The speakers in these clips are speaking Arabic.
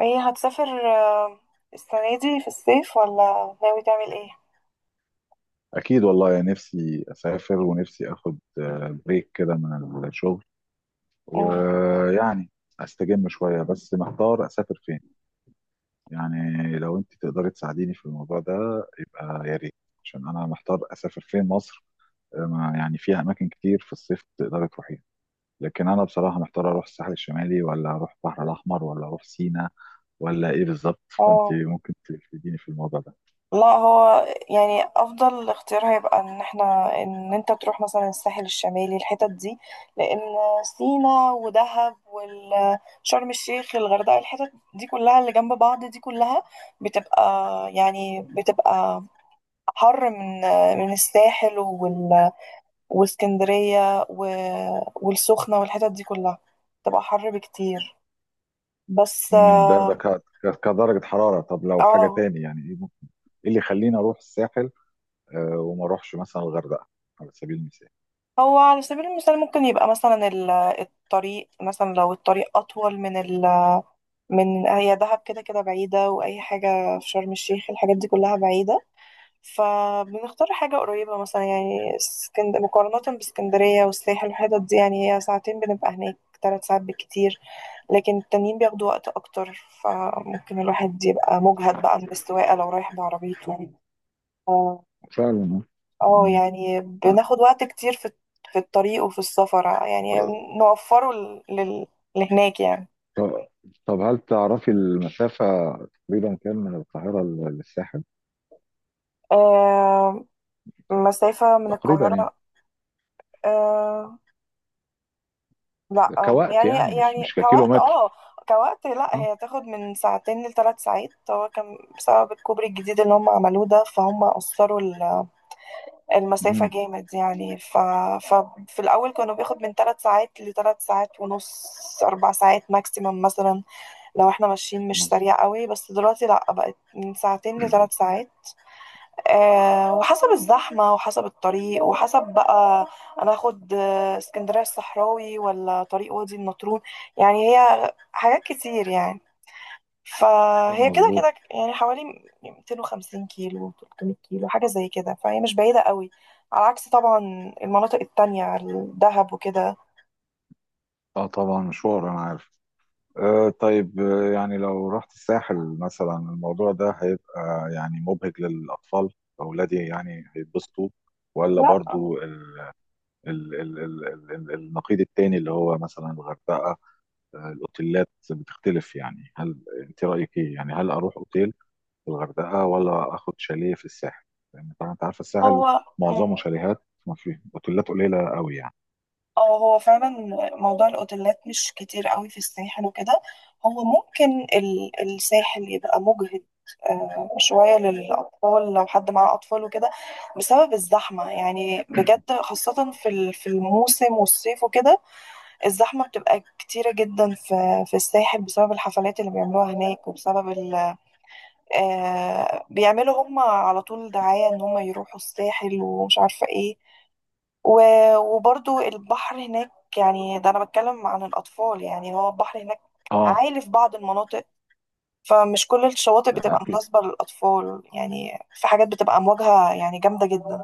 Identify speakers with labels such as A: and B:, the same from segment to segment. A: ايه هتسافر السنة دي في الصيف ولا ناوي تعمل ايه؟
B: اكيد والله، يعني نفسي اسافر ونفسي اخد بريك كده من الشغل،
A: مم.
B: ويعني استجم شويه. بس محتار اسافر فين. يعني لو انت تقدري تساعديني في الموضوع ده، يبقى يا ريت. عشان انا محتار اسافر فين مصر. يعني فيها اماكن كتير في الصيف تقدري تروحيها، لكن انا بصراحه محتار اروح الساحل الشمالي ولا اروح البحر الاحمر ولا اروح سينا، ولا ايه بالظبط. فانت
A: اه،
B: ممكن تفيديني في الموضوع ده.
A: لا هو يعني افضل اختيار هيبقى ان انت تروح مثلا الساحل الشمالي الحتت دي. لان سينا ودهب وشرم الشيخ الغردقة الحتت دي كلها اللي جنب بعض دي كلها بتبقى بتبقى حر من الساحل واسكندرية والسخنة والحتت دي كلها بتبقى حر بكتير، بس
B: ده كدرجة حرارة. طب لو حاجة
A: آه،
B: تاني، يعني ايه؟ ايه اللي يخليني اروح الساحل وما اروحش مثلا الغردقه؟ على سبيل المثال.
A: هو على سبيل المثال ممكن يبقى مثلا الطريق، مثلا لو الطريق أطول من، هي دهب كده كده بعيدة، وأي حاجة في شرم الشيخ الحاجات دي كلها بعيدة. فبنختار حاجة قريبة، مثلا يعني مقارنة باسكندرية والساحل والحتت دي، يعني هي ساعتين بنبقى هناك، ثلاث ساعات بالكتير. لكن التانيين بياخدوا وقت أكتر، فممكن الواحد يبقى مجهد بقى من السواقة لو رايح بعربيته. آه.
B: فعلا.
A: اه،
B: مم.
A: يعني بناخد وقت كتير في الطريق وفي السفر، يعني
B: آه،
A: نوفره لهناك يعني.
B: طب طب، هل تعرفي المسافه تقريبا كام من القاهره للساحل؟
A: آه مسافة من
B: تقريبا يعني.
A: القاهرة. آه، لا
B: كوقت
A: يعني،
B: يعني، مش
A: يعني
B: مش
A: كوقت، اه،
B: ككيلومتر.
A: كوقت، لا
B: اه.
A: هي تاخد من ساعتين لثلاث ساعات. هو كان بسبب الكوبري الجديد اللي هم عملوه ده، فهم قصروا المسافة
B: مم.
A: جامد يعني. ف... ففي الأول كانوا بياخد من ثلاث ساعات لثلاث ساعات ونص، أربع ساعات ماكسيمم مثلا، لو احنا ماشيين مش
B: مظ-
A: سريع قوي. بس دلوقتي لأ، بقت من ساعتين لثلاث ساعات. آه، وحسب الزحمة وحسب الطريق وحسب بقى أنا أخد اسكندرية الصحراوي ولا طريق وادي النطرون، يعني هي حاجات كتير يعني. فهي كده
B: مظبوط.
A: كده يعني، حوالي 250 كيلو 300 كيلو، حاجة زي كده، فهي مش بعيدة قوي، على عكس طبعا المناطق التانية، الدهب وكده.
B: اه طبعا، مشوار انا عارف. طيب، يعني لو رحت الساحل مثلا، الموضوع ده هيبقى يعني مبهج للاطفال، اولادي يعني هيتبسطوا؟ ولا
A: لا.
B: برضو النقيض التاني، اللي هو مثلا الغردقة؟ الأوتيلات بتختلف. يعني هل أنت رأيك إيه؟ يعني هل أروح أوتيل في الغردقة ولا آخد شاليه في الساحل؟ لأن طبعا أنت عارفة الساحل
A: هو
B: معظمه
A: مم.
B: شاليهات، ما فيه أوتيلات قليلة قوي يعني.
A: اه، هو فعلا موضوع الاوتيلات مش كتير قوي في الساحل وكده. هو ممكن الساحل يبقى مجهد شوية للأطفال، لو حد معاه أطفال وكده، بسبب الزحمة يعني بجد، خاصة في الموسم والصيف وكده. الزحمة بتبقى كتيرة جدا في الساحل، بسبب الحفلات اللي بيعملوها هناك، وبسبب ال آه، بيعملوا هم على طول دعاية إن هم يروحوا الساحل ومش عارفة إيه. وبرضو البحر هناك، يعني ده انا بتكلم عن الاطفال، يعني هو البحر هناك
B: آه
A: عالي في بعض المناطق. فمش كل الشواطئ بتبقى
B: أكيد.
A: مناسبة للأطفال، يعني في حاجات بتبقى أمواجها يعني جامدة جدا.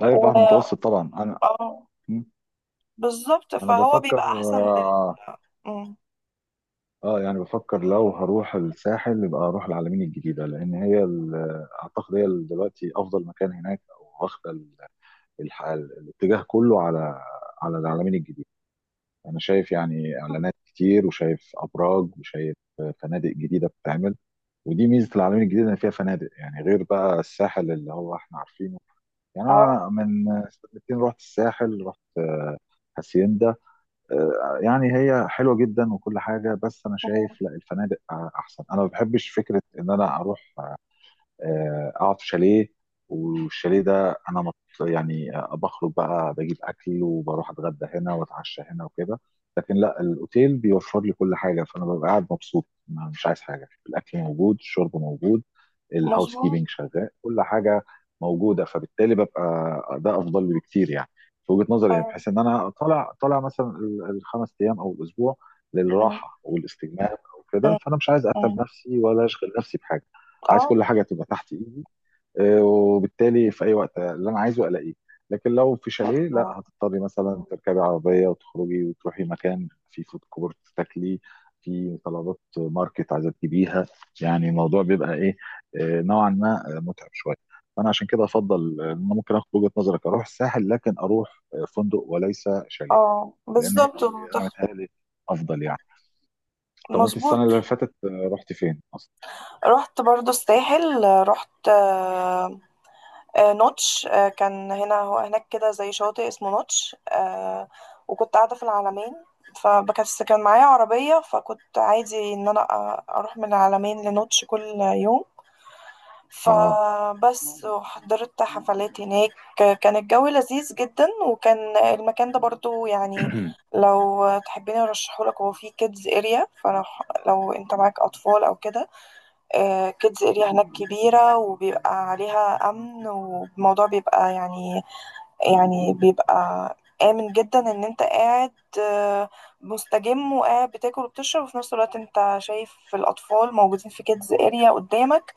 B: لا البحر المتوسط طبعا.
A: اه
B: م،
A: بالظبط،
B: أنا
A: فهو
B: بفكر
A: بيبقى أحسن لل
B: آه
A: آه، مم.
B: آه، يعني بفكر لو هروح الساحل، يبقى أروح العلمين الجديدة، لأن هي أعتقد هي دلوقتي أفضل مكان هناك، أو واخدة الاتجاه كله على العلمين الجديد. انا شايف يعني اعلانات كتير، وشايف ابراج، وشايف فنادق جديده بتتعمل. ودي ميزه العلمين الجديد، ان فيها فنادق يعني غير بقى الساحل اللي هو احنا عارفينه. يعني انا
A: اه.
B: من سنتين رحت الساحل، رحت هاسيندا. يعني هي حلوه جدا وكل حاجه، بس انا شايف
A: مم.
B: لا الفنادق احسن. انا ما بحبش فكره ان انا اروح اقعد في شاليه. والشاليه ده انا يعني بخرج بقى، بجيب اكل وبروح اتغدى هنا واتعشى هنا وكده. لكن لا الاوتيل بيوفر لي كل حاجه، فانا ببقى قاعد مبسوط مش عايز حاجه. الاكل موجود، الشرب موجود، الهاوس
A: مظبوط.
B: كيبنج شغال، كل حاجه موجوده. فبالتالي ببقى ده افضل لي بكتير، يعني في وجهه نظري. يعني
A: أيوة.
B: بحيث ان انا طالع مثلا ال5 ايام او الاسبوع
A: مم.
B: للراحه والاستجمام او كده،
A: مم.
B: فانا مش عايز
A: مم.
B: اتعب نفسي ولا اشغل نفسي بحاجه. عايز
A: اه،
B: كل حاجه تبقى تحت ايدي، وبالتالي في اي وقت اللي انا عايزه الاقيه. لكن لو في شاليه لا،
A: مظبوط.
B: هتضطري مثلا تركبي عربيه وتخرجي وتروحي مكان في فود كورت تاكلي، في طلبات ماركت عايزه تجيبيها. يعني الموضوع بيبقى ايه، نوعا ما متعب شويه. فانا عشان كده افضل ان انا ممكن اخد وجهه نظرك، اروح الساحل لكن اروح فندق وليس شاليه.
A: اه،
B: لان
A: بالظبط.
B: انا متهيألي افضل يعني. طب انت السنه
A: مظبوط.
B: اللي فاتت رحت فين اصلا؟
A: رحت برضو الساحل. رحت نوتش كان هنا، هو هناك كده زي شاطئ اسمه نوتش وكنت قاعدة في العلمين، فبس كان معايا عربية، فكنت عادي إن أنا أروح من العلمين لنوتش كل يوم.
B: اه.
A: فبس وحضرت حفلات هناك، كان الجو لذيذ جدا، وكان المكان ده برضو يعني لو تحبيني أرشحهولك، هو فيه كيدز اريا، فلو انت معاك أطفال أو كده. كيدز اريا هناك كبيرة، وبيبقى عليها أمن، والموضوع بيبقى يعني، يعني بيبقى آمن جدا إن أنت قاعد، آه، مستجم وقاعد بتاكل وبتشرب، وفي نفس الوقت أنت شايف الأطفال موجودين في كيدز اريا قدامك،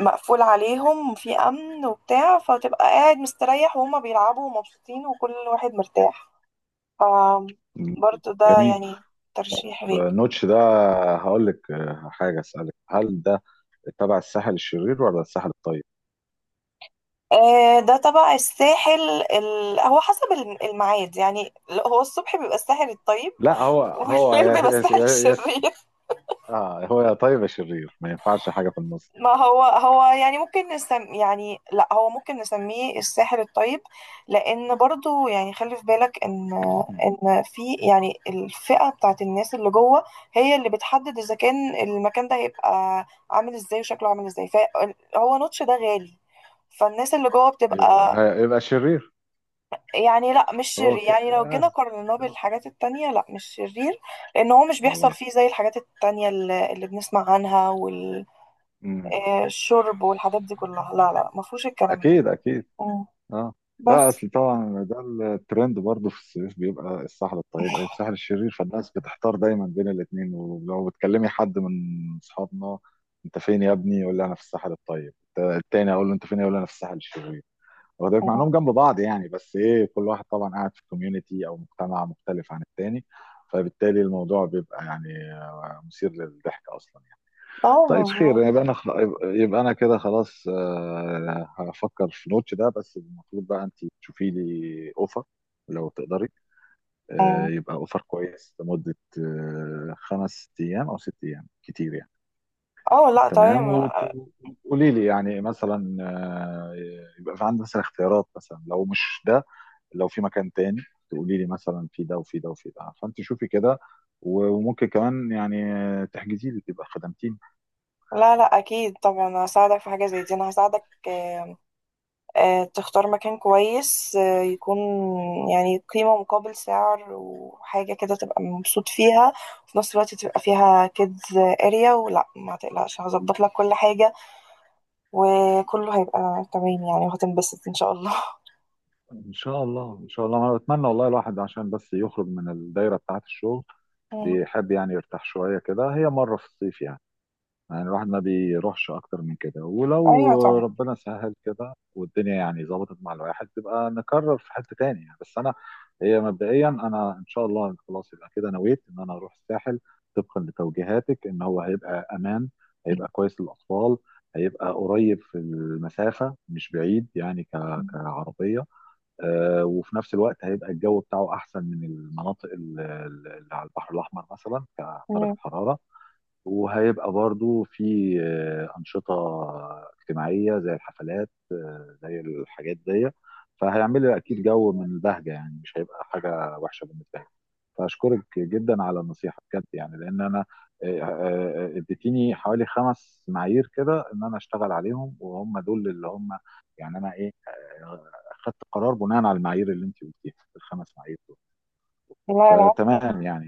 A: مقفول عليهم في أمن وبتاع، فتبقى قاعد مستريح، وهما بيلعبوا ومبسوطين وكل واحد مرتاح. برضه ده
B: جميل.
A: يعني
B: طب
A: ترشيح ليك.
B: نوتش ده، هقول لك حاجه اسالك: هل ده تبع الساحل الشرير ولا الساحل الطيب؟
A: ده تبع الساحل. هو حسب الميعاد، يعني لا، هو الصبح بيبقى الساحل الطيب.
B: لا هو هو
A: والليل بيبقى الساحل الشرير.
B: اه، هو يا طيب يا شرير، ما ينفعش حاجه في النص.
A: ما هو هو يعني ممكن يعني لا، هو ممكن نسميه الساحل الطيب، لأن برضو يعني خلي في بالك إن
B: م.
A: إن في يعني الفئة بتاعت الناس اللي جوه، هي اللي بتحدد إذا كان المكان ده هيبقى عامل إزاي وشكله عامل إزاي. فهو نوتش ده غالي، فالناس اللي جوه بتبقى
B: يبقى شرير.
A: يعني، لا مش
B: هو
A: شرير،
B: ك...
A: يعني لو
B: آه.
A: جينا قارناه بالحاجات التانية، لا مش شرير، لأن هو مش بيحصل
B: والله.
A: فيه زي الحاجات التانية اللي بنسمع عنها،
B: مم.
A: والشرب والحاجات دي كلها. لا لا، مفهوش الكلام ده.
B: اكيد اكيد.
A: مم.
B: اه لا،
A: بس.
B: اصل طبعا ده الترند برضه في الصيف، بيبقى الساحل الطيب او الساحل الشرير، فالناس بتحتار دايما بين الاثنين. ولو بتكلمي حد من اصحابنا: انت فين يا ابني؟ يقول لي انا في الساحل الطيب. التاني اقول له انت فين؟ يقول لي انا في الساحل الشرير. واخد بالك؟ مع
A: مم.
B: انهم جنب بعض يعني، بس ايه كل واحد طبعا قاعد في كوميونتي او مجتمع مختلف عن التاني. فبالتالي الموضوع بيبقى يعني مثير للضحك اصلا.
A: اه،
B: طيب
A: مظبوط.
B: خير. يبقى انا يبقى انا كده خلاص هفكر في نوتش ده. بس المفروض بقى انت تشوفي لي اوفر لو تقدري،
A: مم.
B: يبقى اوفر كويس لمدة 5 ايام او 6 ايام، كتير يعني.
A: اه، لا،
B: تمام.
A: تمام.
B: وتقولي لي يعني مثلا يبقى في عندي مثلا اختيارات. مثلا لو مش ده، لو في مكان تاني تقولي لي مثلا في ده وفي ده وفي ده. فانت شوفي كده، وممكن كمان يعني تحجزي لي، تبقى خدمتيني.
A: لا لا، أكيد طبعا هساعدك في حاجة زي دي، أنا هساعدك تختار مكان كويس يكون يعني قيمة مقابل سعر، وحاجة كده تبقى مبسوط فيها، وفي نفس الوقت تبقى فيها كيدز اريا ولا، ما تقلقش، هظبط لك كل حاجة، وكله هيبقى تمام يعني، وهتنبسط ان شاء الله.
B: ان شاء الله ان شاء الله. انا بتمنى والله. الواحد عشان بس يخرج من الدايره بتاعه الشغل
A: مم.
B: بيحب يعني يرتاح شويه كده، هي مره في الصيف يعني. يعني الواحد ما بيروحش اكتر من كده،
A: ايوه
B: ولو
A: طبعا.
B: ربنا سهل كده والدنيا يعني ظبطت مع الواحد، تبقى نكرر في حته تاني يعني. بس انا هي مبدئيا، انا ان شاء الله خلاص يبقى كده نويت ان انا اروح الساحل، طبقا لتوجيهاتك: ان هو هيبقى امان، هيبقى كويس للاطفال، هيبقى قريب في المسافه مش بعيد يعني
A: مم.
B: كعربيه، وفي نفس الوقت هيبقى الجو بتاعه احسن من المناطق اللي على البحر الاحمر مثلا كدرجه
A: مم.
B: حراره. وهيبقى برضو في أنشطة اجتماعية زي الحفلات، زي الحاجات دي، فهيعمل لي أكيد جو من البهجة، يعني مش هيبقى حاجة وحشة بالنسبة لي. فأشكرك جدا على النصيحة بجد، يعني لأن أنا اديتيني حوالي 5 معايير كده، إن أنا أشتغل عليهم وهم دول اللي هم يعني. أنا إيه، آه، خدت قرار بناء على المعايير اللي أنت قلتيها، ال5 معايير دول.
A: لا، لا،
B: فتمام يعني.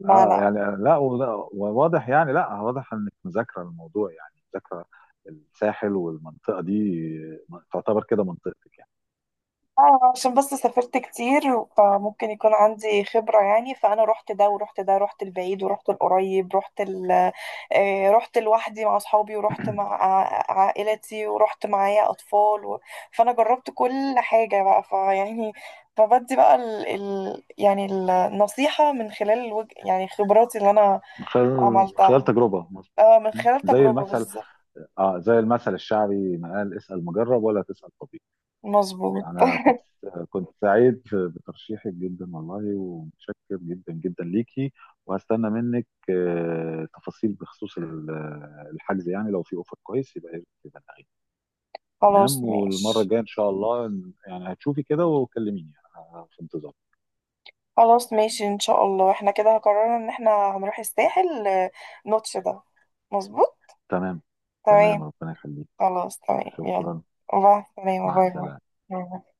A: لا،
B: اه
A: لا.
B: يعني لا وواضح يعني لا، واضح انك مذاكره الموضوع يعني مذاكره الساحل، والمنطقه دي تعتبر كده منطقتك يعني.
A: اه، عشان بس سافرت كتير، فممكن يكون عندي خبرة يعني. فأنا رحت ده ورحت ده، رحت البعيد ورحت القريب، رحت لوحدي مع أصحابي، ورحت مع عائلتي، ورحت معايا أطفال، فأنا جربت كل حاجة بقى فيعني، فبدي بقى يعني النصيحة من خلال يعني خبراتي اللي أنا
B: من خلال
A: عملتها.
B: تجربه. م.
A: اه، من خلال
B: زي
A: تجربة
B: المثل.
A: بالظبط.
B: اه زي المثل الشعبي ما قال: اسال مجرب ولا تسال طبيب.
A: مظبوط.
B: انا كنت سعيد بترشيحك جدا والله، ومتشكر جدا جدا ليكي. وهستنى منك تفاصيل بخصوص الحجز يعني. لو في اوفر كويس، يبقى
A: خلاص
B: تمام. والمره
A: ماشي.
B: الجايه ان شاء الله، يعني هتشوفي كده وكلميني، انا في انتظار.
A: خلاص ماشي، ان شاء الله احنا كده قررنا ان احنا هنروح الساحل، نوتش ده. مظبوط.
B: تمام. تمام،
A: تمام.
B: ربنا يخليك.
A: خلاص تمام، يلا.
B: شكرا.
A: باي. تمام،
B: مع
A: باي، باي،
B: السلامه.
A: باي. باي.